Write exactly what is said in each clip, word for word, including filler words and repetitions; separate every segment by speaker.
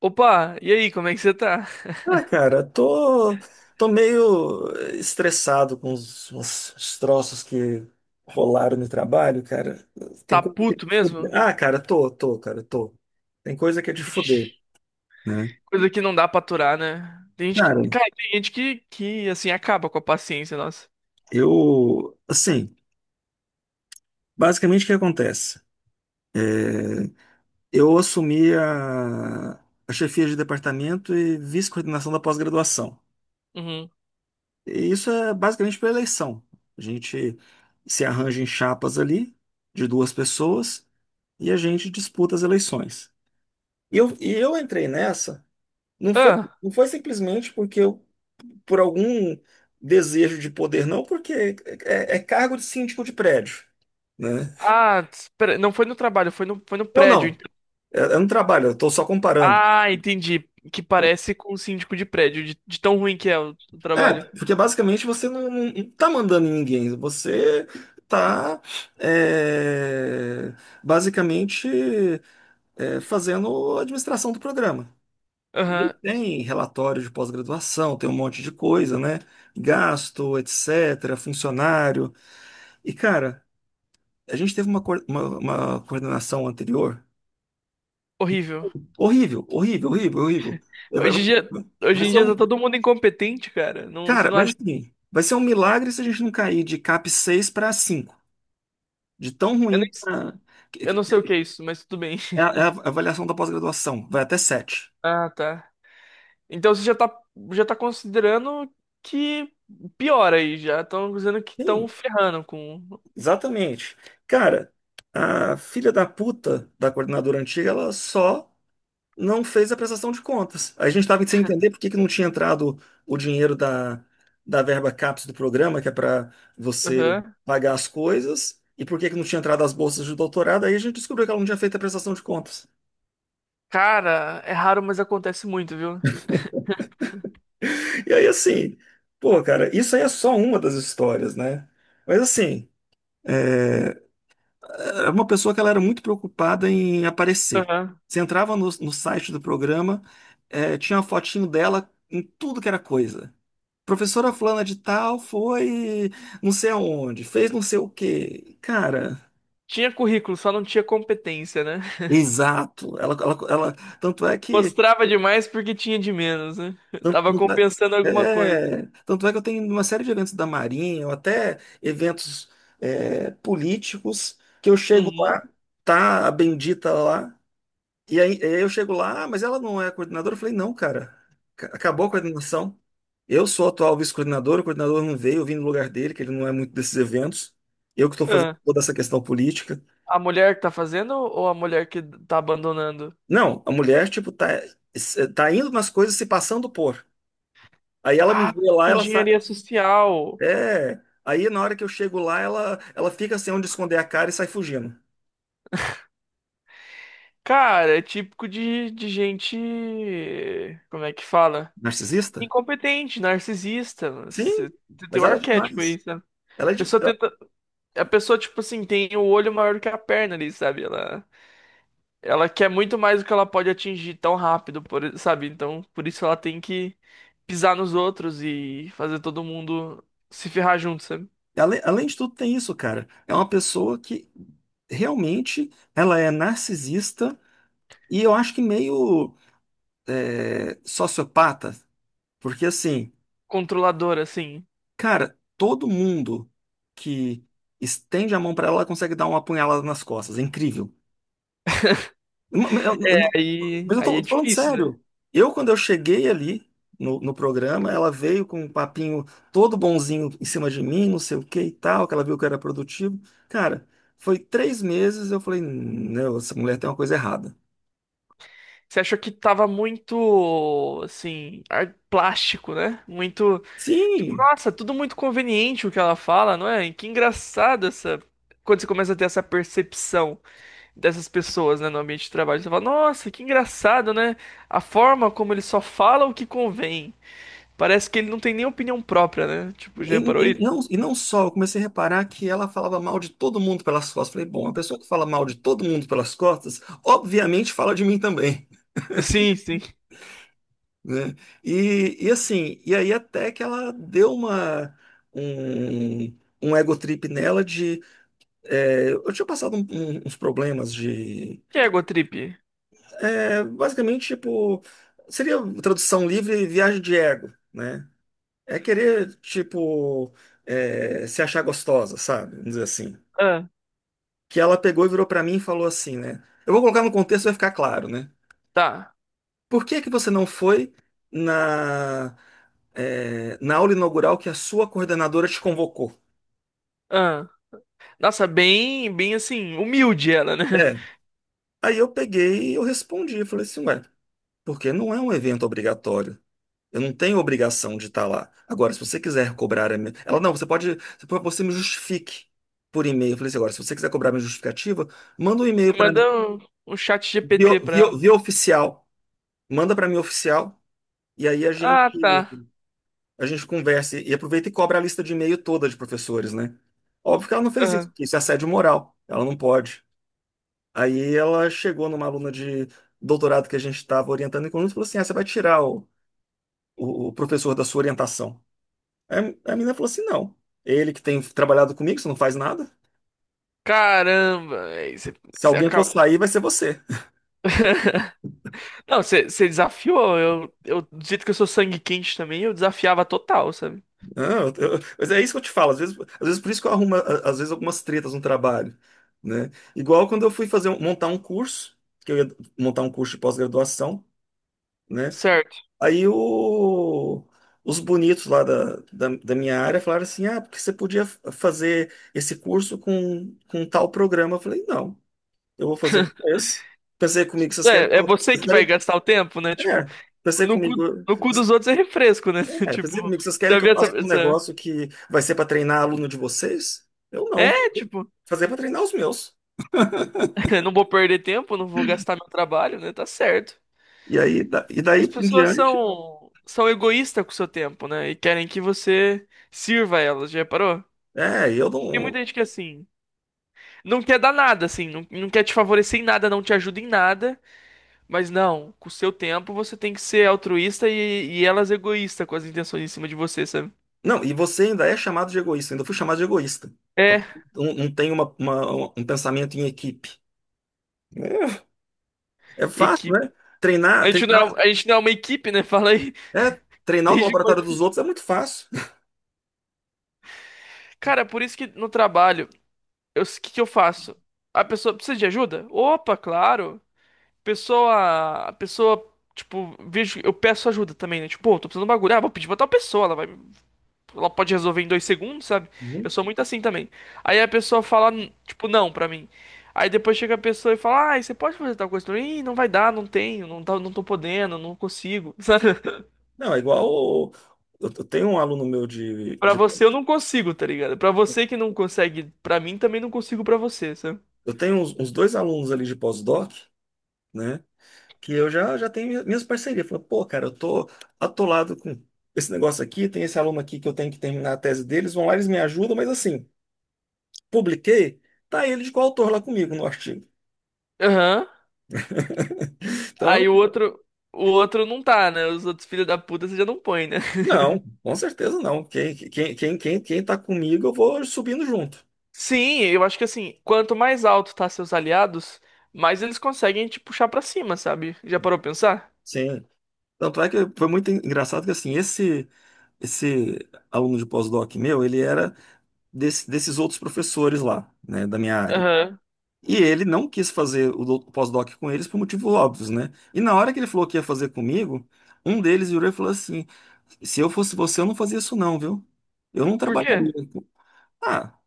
Speaker 1: Opa, e aí, como é que você tá?
Speaker 2: Ah, cara, tô, tô meio estressado com os, os- os troços que rolaram no trabalho, cara. Tem
Speaker 1: Tá
Speaker 2: coisa que é
Speaker 1: puto
Speaker 2: de fuder.
Speaker 1: mesmo?
Speaker 2: Ah, cara, tô, tô, cara, tô. Tem coisa que é de
Speaker 1: Ixi.
Speaker 2: fuder, né?
Speaker 1: Coisa que não dá pra aturar, né? Tem gente
Speaker 2: Cara,
Speaker 1: que, cara, tem gente que, que assim acaba com a paciência, nossa.
Speaker 2: eu, assim, basicamente o que acontece? Eu assumi a, a chefia de departamento e vice-coordenação da pós-graduação.
Speaker 1: Uhum.
Speaker 2: E isso é basicamente pela eleição. A gente se arranja em chapas ali, de duas pessoas. E a gente disputa as eleições. E eu, e eu entrei nessa, não foi,
Speaker 1: Ah,
Speaker 2: não foi simplesmente porque eu, por algum desejo de poder, não, porque é, é cargo de síndico de prédio, né?
Speaker 1: ah, espera, não foi no trabalho, foi no, foi no
Speaker 2: Eu
Speaker 1: prédio. ent-
Speaker 2: não, eu, eu não trabalho, eu estou só comparando.
Speaker 1: Ah, entendi. Que parece com o síndico de prédio, de, de tão ruim que é o, o
Speaker 2: É,
Speaker 1: trabalho.
Speaker 2: porque basicamente você não, não tá mandando em ninguém, você tá é, basicamente é, fazendo a administração do programa. Ele
Speaker 1: Aham,
Speaker 2: tem relatório de pós-graduação, tem um monte de coisa, né? Gasto, etcétera, funcionário. E, cara, a gente teve uma, coor- uma, uma coordenação anterior
Speaker 1: horrível.
Speaker 2: horrível, horrível, horrível, horrível. É. Vai
Speaker 1: Hoje
Speaker 2: vai-
Speaker 1: em dia,
Speaker 2: vai
Speaker 1: hoje em
Speaker 2: ser
Speaker 1: dia tá
Speaker 2: um.
Speaker 1: todo mundo incompetente, cara. Não, você
Speaker 2: Cara,
Speaker 1: não
Speaker 2: mas
Speaker 1: acha?
Speaker 2: assim, vai ser um milagre se a gente não cair de CAP seis para cinco. De tão
Speaker 1: Eu,
Speaker 2: ruim.
Speaker 1: nem,
Speaker 2: pra- que-
Speaker 1: eu
Speaker 2: que-
Speaker 1: não sei o que é isso, mas tudo bem.
Speaker 2: É a, é a avaliação da pós-graduação, vai até sete.
Speaker 1: Ah, tá. Então você já tá, já tá considerando que piora aí, já estão dizendo que estão
Speaker 2: Sim,
Speaker 1: ferrando com.
Speaker 2: exatamente. Cara, a filha da puta da coordenadora antiga, ela só não fez a prestação de contas. A gente estava sem entender por que que não tinha entrado o dinheiro da, da verba CAPES do programa, que é para você
Speaker 1: Aham.
Speaker 2: pagar as coisas, e por que que não tinha entrado as bolsas de doutorado. Aí a gente descobriu que ela não tinha feito a prestação de contas.
Speaker 1: Cara, é raro, mas acontece muito, viu?
Speaker 2: E aí, assim, pô, cara, isso aí é só uma das histórias, né? Mas, assim, é, era uma pessoa que ela era muito preocupada em aparecer.
Speaker 1: Aham.
Speaker 2: Você entrava no, no site do programa, é, tinha uma fotinho dela em tudo que era coisa. Professora fulana de tal foi não sei aonde, fez não sei o quê. Cara,
Speaker 1: Tinha currículo, só não tinha competência, né?
Speaker 2: exato. Ela, ela, ela- tanto é que
Speaker 1: Mostrava demais porque tinha de menos, né? Tava
Speaker 2: tanto, tanto
Speaker 1: compensando alguma coisa.
Speaker 2: é, é, Tanto é que eu tenho uma série de eventos da Marinha, ou até eventos é, políticos, que eu chego
Speaker 1: Uhum.
Speaker 2: lá, tá a bendita lá. E aí, aí eu chego lá, "Ah, mas ela não é coordenadora." Eu falei, não, cara, ca- acabou a coordenação. Eu sou o atual vice-coordenador, o coordenador não veio, eu vim no lugar dele, que ele não é muito desses eventos. Eu que estou fazendo
Speaker 1: Ah,
Speaker 2: toda essa questão política.
Speaker 1: a mulher que tá fazendo ou a mulher que tá abandonando?
Speaker 2: Não, a mulher, tipo, tá, tá indo nas coisas se passando por. Aí ela me
Speaker 1: Ah,
Speaker 2: vê lá, ela sai.
Speaker 1: engenharia social.
Speaker 2: É. Aí na hora que eu chego lá, ela, ela fica sem onde esconder a cara e sai fugindo.
Speaker 1: Cara, é típico de, de gente. Como é que fala?
Speaker 2: Narcisista?
Speaker 1: Incompetente, narcisista.
Speaker 2: Sim,
Speaker 1: Você você
Speaker 2: mas
Speaker 1: tem o
Speaker 2: ela é
Speaker 1: arquétipo
Speaker 2: demais.
Speaker 1: aí, sabe?
Speaker 2: Ela é
Speaker 1: A pessoa
Speaker 2: demais.
Speaker 1: tenta, a pessoa, tipo assim, tem o olho maior do que a perna ali, sabe? Ela, ela quer muito mais do que ela pode atingir tão rápido, por, sabe? Então, por isso ela tem que pisar nos outros e fazer todo mundo se ferrar junto, sabe?
Speaker 2: Ale- Além de tudo, tem isso, cara. É uma pessoa que realmente ela é narcisista e eu acho que meio é, sociopata, porque assim,
Speaker 1: Controladora, assim.
Speaker 2: cara, todo mundo que estende a mão pra ela, ela consegue dar uma apunhalada nas costas. É incrível. Ma- ma- eu-
Speaker 1: É,
Speaker 2: eu-
Speaker 1: aí,
Speaker 2: Mas eu
Speaker 1: aí é
Speaker 2: tô, tô falando
Speaker 1: difícil, né?
Speaker 2: sério. Eu, quando eu cheguei ali no, no programa, ela veio com um papinho todo bonzinho em cima de mim, não sei o que e tal, que ela viu que eu era produtivo. Cara, foi três meses, eu falei, não, essa mulher tem uma coisa errada.
Speaker 1: Você achou que tava muito, assim, ar- plástico, né? Muito. Tipo,
Speaker 2: Sim,
Speaker 1: nossa, tudo muito conveniente o que ela fala, não é? E que engraçado essa. Quando você começa a ter essa percepção dessas pessoas, né, no ambiente de trabalho, você fala, nossa, que engraçado, né? A forma como ele só fala o que convém. Parece que ele não tem nem opinião própria, né? Tipo, já reparou
Speaker 2: e, e
Speaker 1: isso?
Speaker 2: não, e não só, eu comecei a reparar que ela falava mal de todo mundo pelas costas. Falei, bom, a pessoa que fala mal de todo mundo pelas costas, obviamente fala de mim também,
Speaker 1: Sim, sim. O
Speaker 2: né? E, e assim, e aí até que ela deu uma um, um ego trip nela de é, eu tinha passado um- um- uns problemas de
Speaker 1: que é Gotrip?
Speaker 2: é, basicamente tipo seria tradução livre viagem de ego, né? É querer tipo é, se achar gostosa, sabe? Vamos dizer assim.
Speaker 1: Ah,
Speaker 2: Que ela pegou e virou pra mim e falou assim, né? Eu vou colocar no contexto vai ficar claro, né?
Speaker 1: tá.
Speaker 2: Por que que você não foi na, eh, na aula inaugural que a sua coordenadora te convocou?
Speaker 1: Ah. Nossa, bem, bem assim, humilde ela, né?
Speaker 2: É. Aí eu peguei e eu respondi, eu falei assim, ué, porque não é um evento obrigatório. Eu não tenho obrigação de estar lá. Agora, se você quiser cobrar a minha... Ela, não, você pode... Você pode você me justifique por e-mail. Eu falei assim, agora, se você quiser cobrar minha justificativa, manda um e-mail
Speaker 1: Você
Speaker 2: para
Speaker 1: manda
Speaker 2: mim,
Speaker 1: um, um chat
Speaker 2: via,
Speaker 1: G P T pra ela.
Speaker 2: via, via oficial. Manda para mim oficial. E aí a gente...
Speaker 1: Ah, tá.
Speaker 2: a gente conversa e aproveita e cobra a lista de e-mail toda de professores, né? Óbvio que ela não fez isso,
Speaker 1: Aham.
Speaker 2: porque isso é assédio moral, ela não pode. Aí ela chegou numa aluna de doutorado que a gente estava orientando em conjunto e falou assim: ah, você vai tirar o, o, o professor da sua orientação. Aí a menina falou assim: não, ele que tem trabalhado comigo, você não faz nada.
Speaker 1: Caramba, véi, você,
Speaker 2: Se
Speaker 1: você
Speaker 2: alguém for
Speaker 1: acaba.
Speaker 2: sair, vai ser você.
Speaker 1: Não, você, você desafiou. Eu, eu, do jeito que eu sou sangue quente também, eu desafiava total, sabe?
Speaker 2: Não, eu- eu- mas é isso que eu te falo. Às vezes, às vezes por isso que eu arrumo, a- às vezes, algumas tretas no trabalho, né? Igual quando eu fui fazer um- montar um curso, que eu ia montar um curso de pós-graduação, né?
Speaker 1: Certo.
Speaker 2: Aí o- os bonitos lá da, da, da minha área falaram assim, ah, porque você podia f- fazer esse curso com, com tal programa. Eu falei, não, eu vou fazer com esse. Pensei comigo, vocês querem que
Speaker 1: É, é
Speaker 2: eu...
Speaker 1: você
Speaker 2: vocês
Speaker 1: que vai
Speaker 2: querem-
Speaker 1: gastar o tempo, né? Tipo,
Speaker 2: É, pensei
Speaker 1: no cu,
Speaker 2: comigo,
Speaker 1: no cu dos outros é refresco, né?
Speaker 2: é,
Speaker 1: Tipo,
Speaker 2: pensei comigo, vocês querem
Speaker 1: já
Speaker 2: que
Speaker 1: vi
Speaker 2: eu
Speaker 1: essa,
Speaker 2: faça um
Speaker 1: essa...
Speaker 2: negócio que vai ser para treinar aluno de vocês? Eu não, vou
Speaker 1: É, tipo,
Speaker 2: fazer para treinar os meus.
Speaker 1: não vou perder tempo, não vou gastar meu trabalho, né? Tá certo.
Speaker 2: E aí, da- e daí
Speaker 1: As
Speaker 2: em
Speaker 1: pessoas
Speaker 2: diante,
Speaker 1: são, são egoístas com o seu tempo, né? E querem que você sirva elas, já reparou?
Speaker 2: é, eu
Speaker 1: Tem muita
Speaker 2: não.
Speaker 1: gente que assim, não quer dar nada, assim, não, não quer te favorecer em nada, não te ajuda em nada, mas não, com o seu tempo você tem que ser altruísta e, e elas egoísta com as intenções em cima de você, sabe?
Speaker 2: Não, e você ainda é chamado de egoísta, ainda fui chamado de egoísta. Então,
Speaker 1: É,
Speaker 2: Não, não tem uma, uma- um pensamento em equipe. É, é fácil,
Speaker 1: equipe.
Speaker 2: né? Treinar,
Speaker 1: A gente
Speaker 2: treinar,
Speaker 1: não é, a gente não é uma equipe, né? Fala aí.
Speaker 2: é, treinar o
Speaker 1: Desde
Speaker 2: laboratório
Speaker 1: quando.
Speaker 2: dos outros é muito fácil.
Speaker 1: Cara, por isso que no trabalho, eu, o que que eu faço? A pessoa precisa de ajuda? Opa, claro. Pessoa, a pessoa, tipo, vejo, eu peço ajuda também, né? Tipo, pô, tô precisando de um bagulho. Ah, vou pedir pra tal pessoa, ela vai ela pode resolver em dois segundos, sabe? Eu
Speaker 2: Uhum.
Speaker 1: sou muito assim também. Aí a pessoa fala, tipo, não pra mim. Aí depois chega a pessoa e fala, ah você pode fazer tal coisa? Pra Ih, não vai dar, não tenho, não tá, não tô podendo, não consigo. Sabe?
Speaker 2: Não, é igual. O- Eu, eu tenho um aluno meu de,
Speaker 1: Pra
Speaker 2: de-
Speaker 1: você eu não consigo, tá ligado? Pra você que não consegue, pra mim também não consigo pra você, sabe?
Speaker 2: eu tenho uns, uns dois alunos ali de pós-doc, né? Que eu já, já tenho minhas parcerias. Falei, pô, cara, eu tô atolado com esse negócio aqui, tem esse aluno aqui que eu tenho que terminar a tese deles, vão lá, eles me ajudam, mas assim, publiquei, tá ele de coautor lá comigo no artigo.
Speaker 1: Aham.
Speaker 2: Então, eu-
Speaker 1: Aí o outro, o outro não tá, né? Os outros filhos da puta você já não põe, né?
Speaker 2: não, com certeza não. Quem, quem, quem, quem, quem tá comigo, eu vou subindo junto.
Speaker 1: Sim, eu acho que assim, quanto mais alto tá seus aliados, mais eles conseguem te puxar pra cima, sabe? Já parou pra pensar?
Speaker 2: Sim. Tanto é que foi muito engraçado que assim, esse. Esse aluno de pós-doc meu, ele era desse- desses outros professores lá, né, da minha área.
Speaker 1: Aham.
Speaker 2: E ele não quis fazer o do- o pós-doc com eles por motivos óbvios, né? E na hora que ele falou que ia fazer comigo, um deles virou e falou assim: se eu fosse você, eu não fazia isso, não, viu? Eu não
Speaker 1: Por quê?
Speaker 2: trabalharia com... Ah,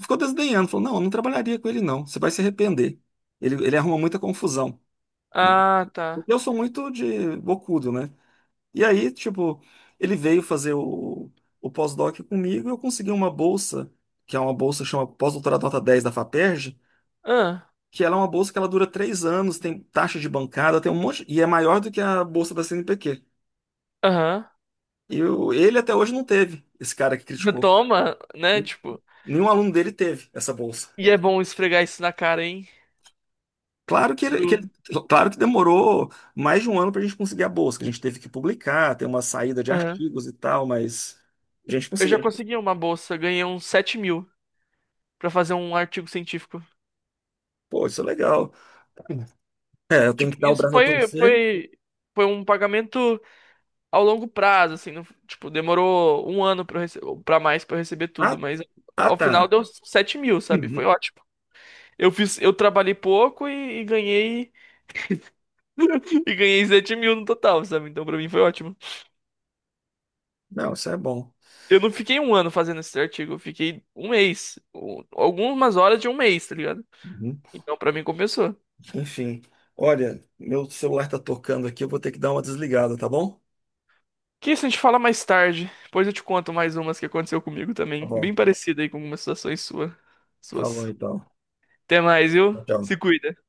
Speaker 2: ficou desdenhando, falou: não, eu não trabalharia com ele, não. Você vai se arrepender. Ele, ele arruma muita confusão, né?
Speaker 1: Ah, tá.
Speaker 2: Porque eu sou muito de bocudo, né? E aí, tipo, ele veio fazer o, o pós-doc comigo e eu consegui uma bolsa, que é uma bolsa que chama Pós-Doutorado Nota dez da FAPERJ,
Speaker 1: Ah,
Speaker 2: que ela é uma bolsa que ela dura três anos, tem taxa de bancada, tem um monte, e é maior do que a bolsa da CNPq.
Speaker 1: aham.
Speaker 2: E o- ele até hoje não teve, esse cara que criticou.
Speaker 1: Toma, né? Tipo,
Speaker 2: Nenhum aluno dele teve essa bolsa.
Speaker 1: e é bom esfregar isso na cara, hein?
Speaker 2: Claro que ele, que
Speaker 1: Do...
Speaker 2: ele- claro que demorou mais de um ano para a gente conseguir a bolsa, que a gente teve que publicar, ter uma saída de
Speaker 1: Aham.
Speaker 2: artigos e tal, mas a gente
Speaker 1: Eu
Speaker 2: conseguiu.
Speaker 1: já consegui uma bolsa, ganhei uns sete mil pra fazer um artigo científico.
Speaker 2: Pô, isso é legal. É, eu tenho
Speaker 1: Tipo,
Speaker 2: que dar o
Speaker 1: isso
Speaker 2: braço a
Speaker 1: foi,
Speaker 2: torcer.
Speaker 1: foi, foi um pagamento ao longo prazo, assim. não- tipo, demorou um ano pra, eu rece- pra mais pra eu receber tudo,
Speaker 2: Ah,
Speaker 1: mas
Speaker 2: ah,
Speaker 1: ao final
Speaker 2: tá.
Speaker 1: deu sete mil, sabe? Foi
Speaker 2: Uhum.
Speaker 1: ótimo. Eu fiz, eu trabalhei pouco e, e ganhei, e ganhei sete mil no total, sabe? Então pra mim foi ótimo.
Speaker 2: Não, isso é bom.
Speaker 1: Eu não fiquei um ano fazendo esse artigo, eu fiquei um mês. um- Algumas horas de um mês, tá ligado?
Speaker 2: Uhum.
Speaker 1: Então, pra mim, compensou.
Speaker 2: Enfim, olha, meu celular tá tocando aqui, eu vou ter que dar uma desligada, tá bom?
Speaker 1: Que isso a gente fala mais tarde. Depois eu te conto mais umas que aconteceu comigo
Speaker 2: Tá
Speaker 1: também.
Speaker 2: bom.
Speaker 1: Bem parecida aí com algumas situações sua,
Speaker 2: Falou
Speaker 1: suas.
Speaker 2: então.
Speaker 1: Até mais, viu?
Speaker 2: Tchau.
Speaker 1: Se cuida.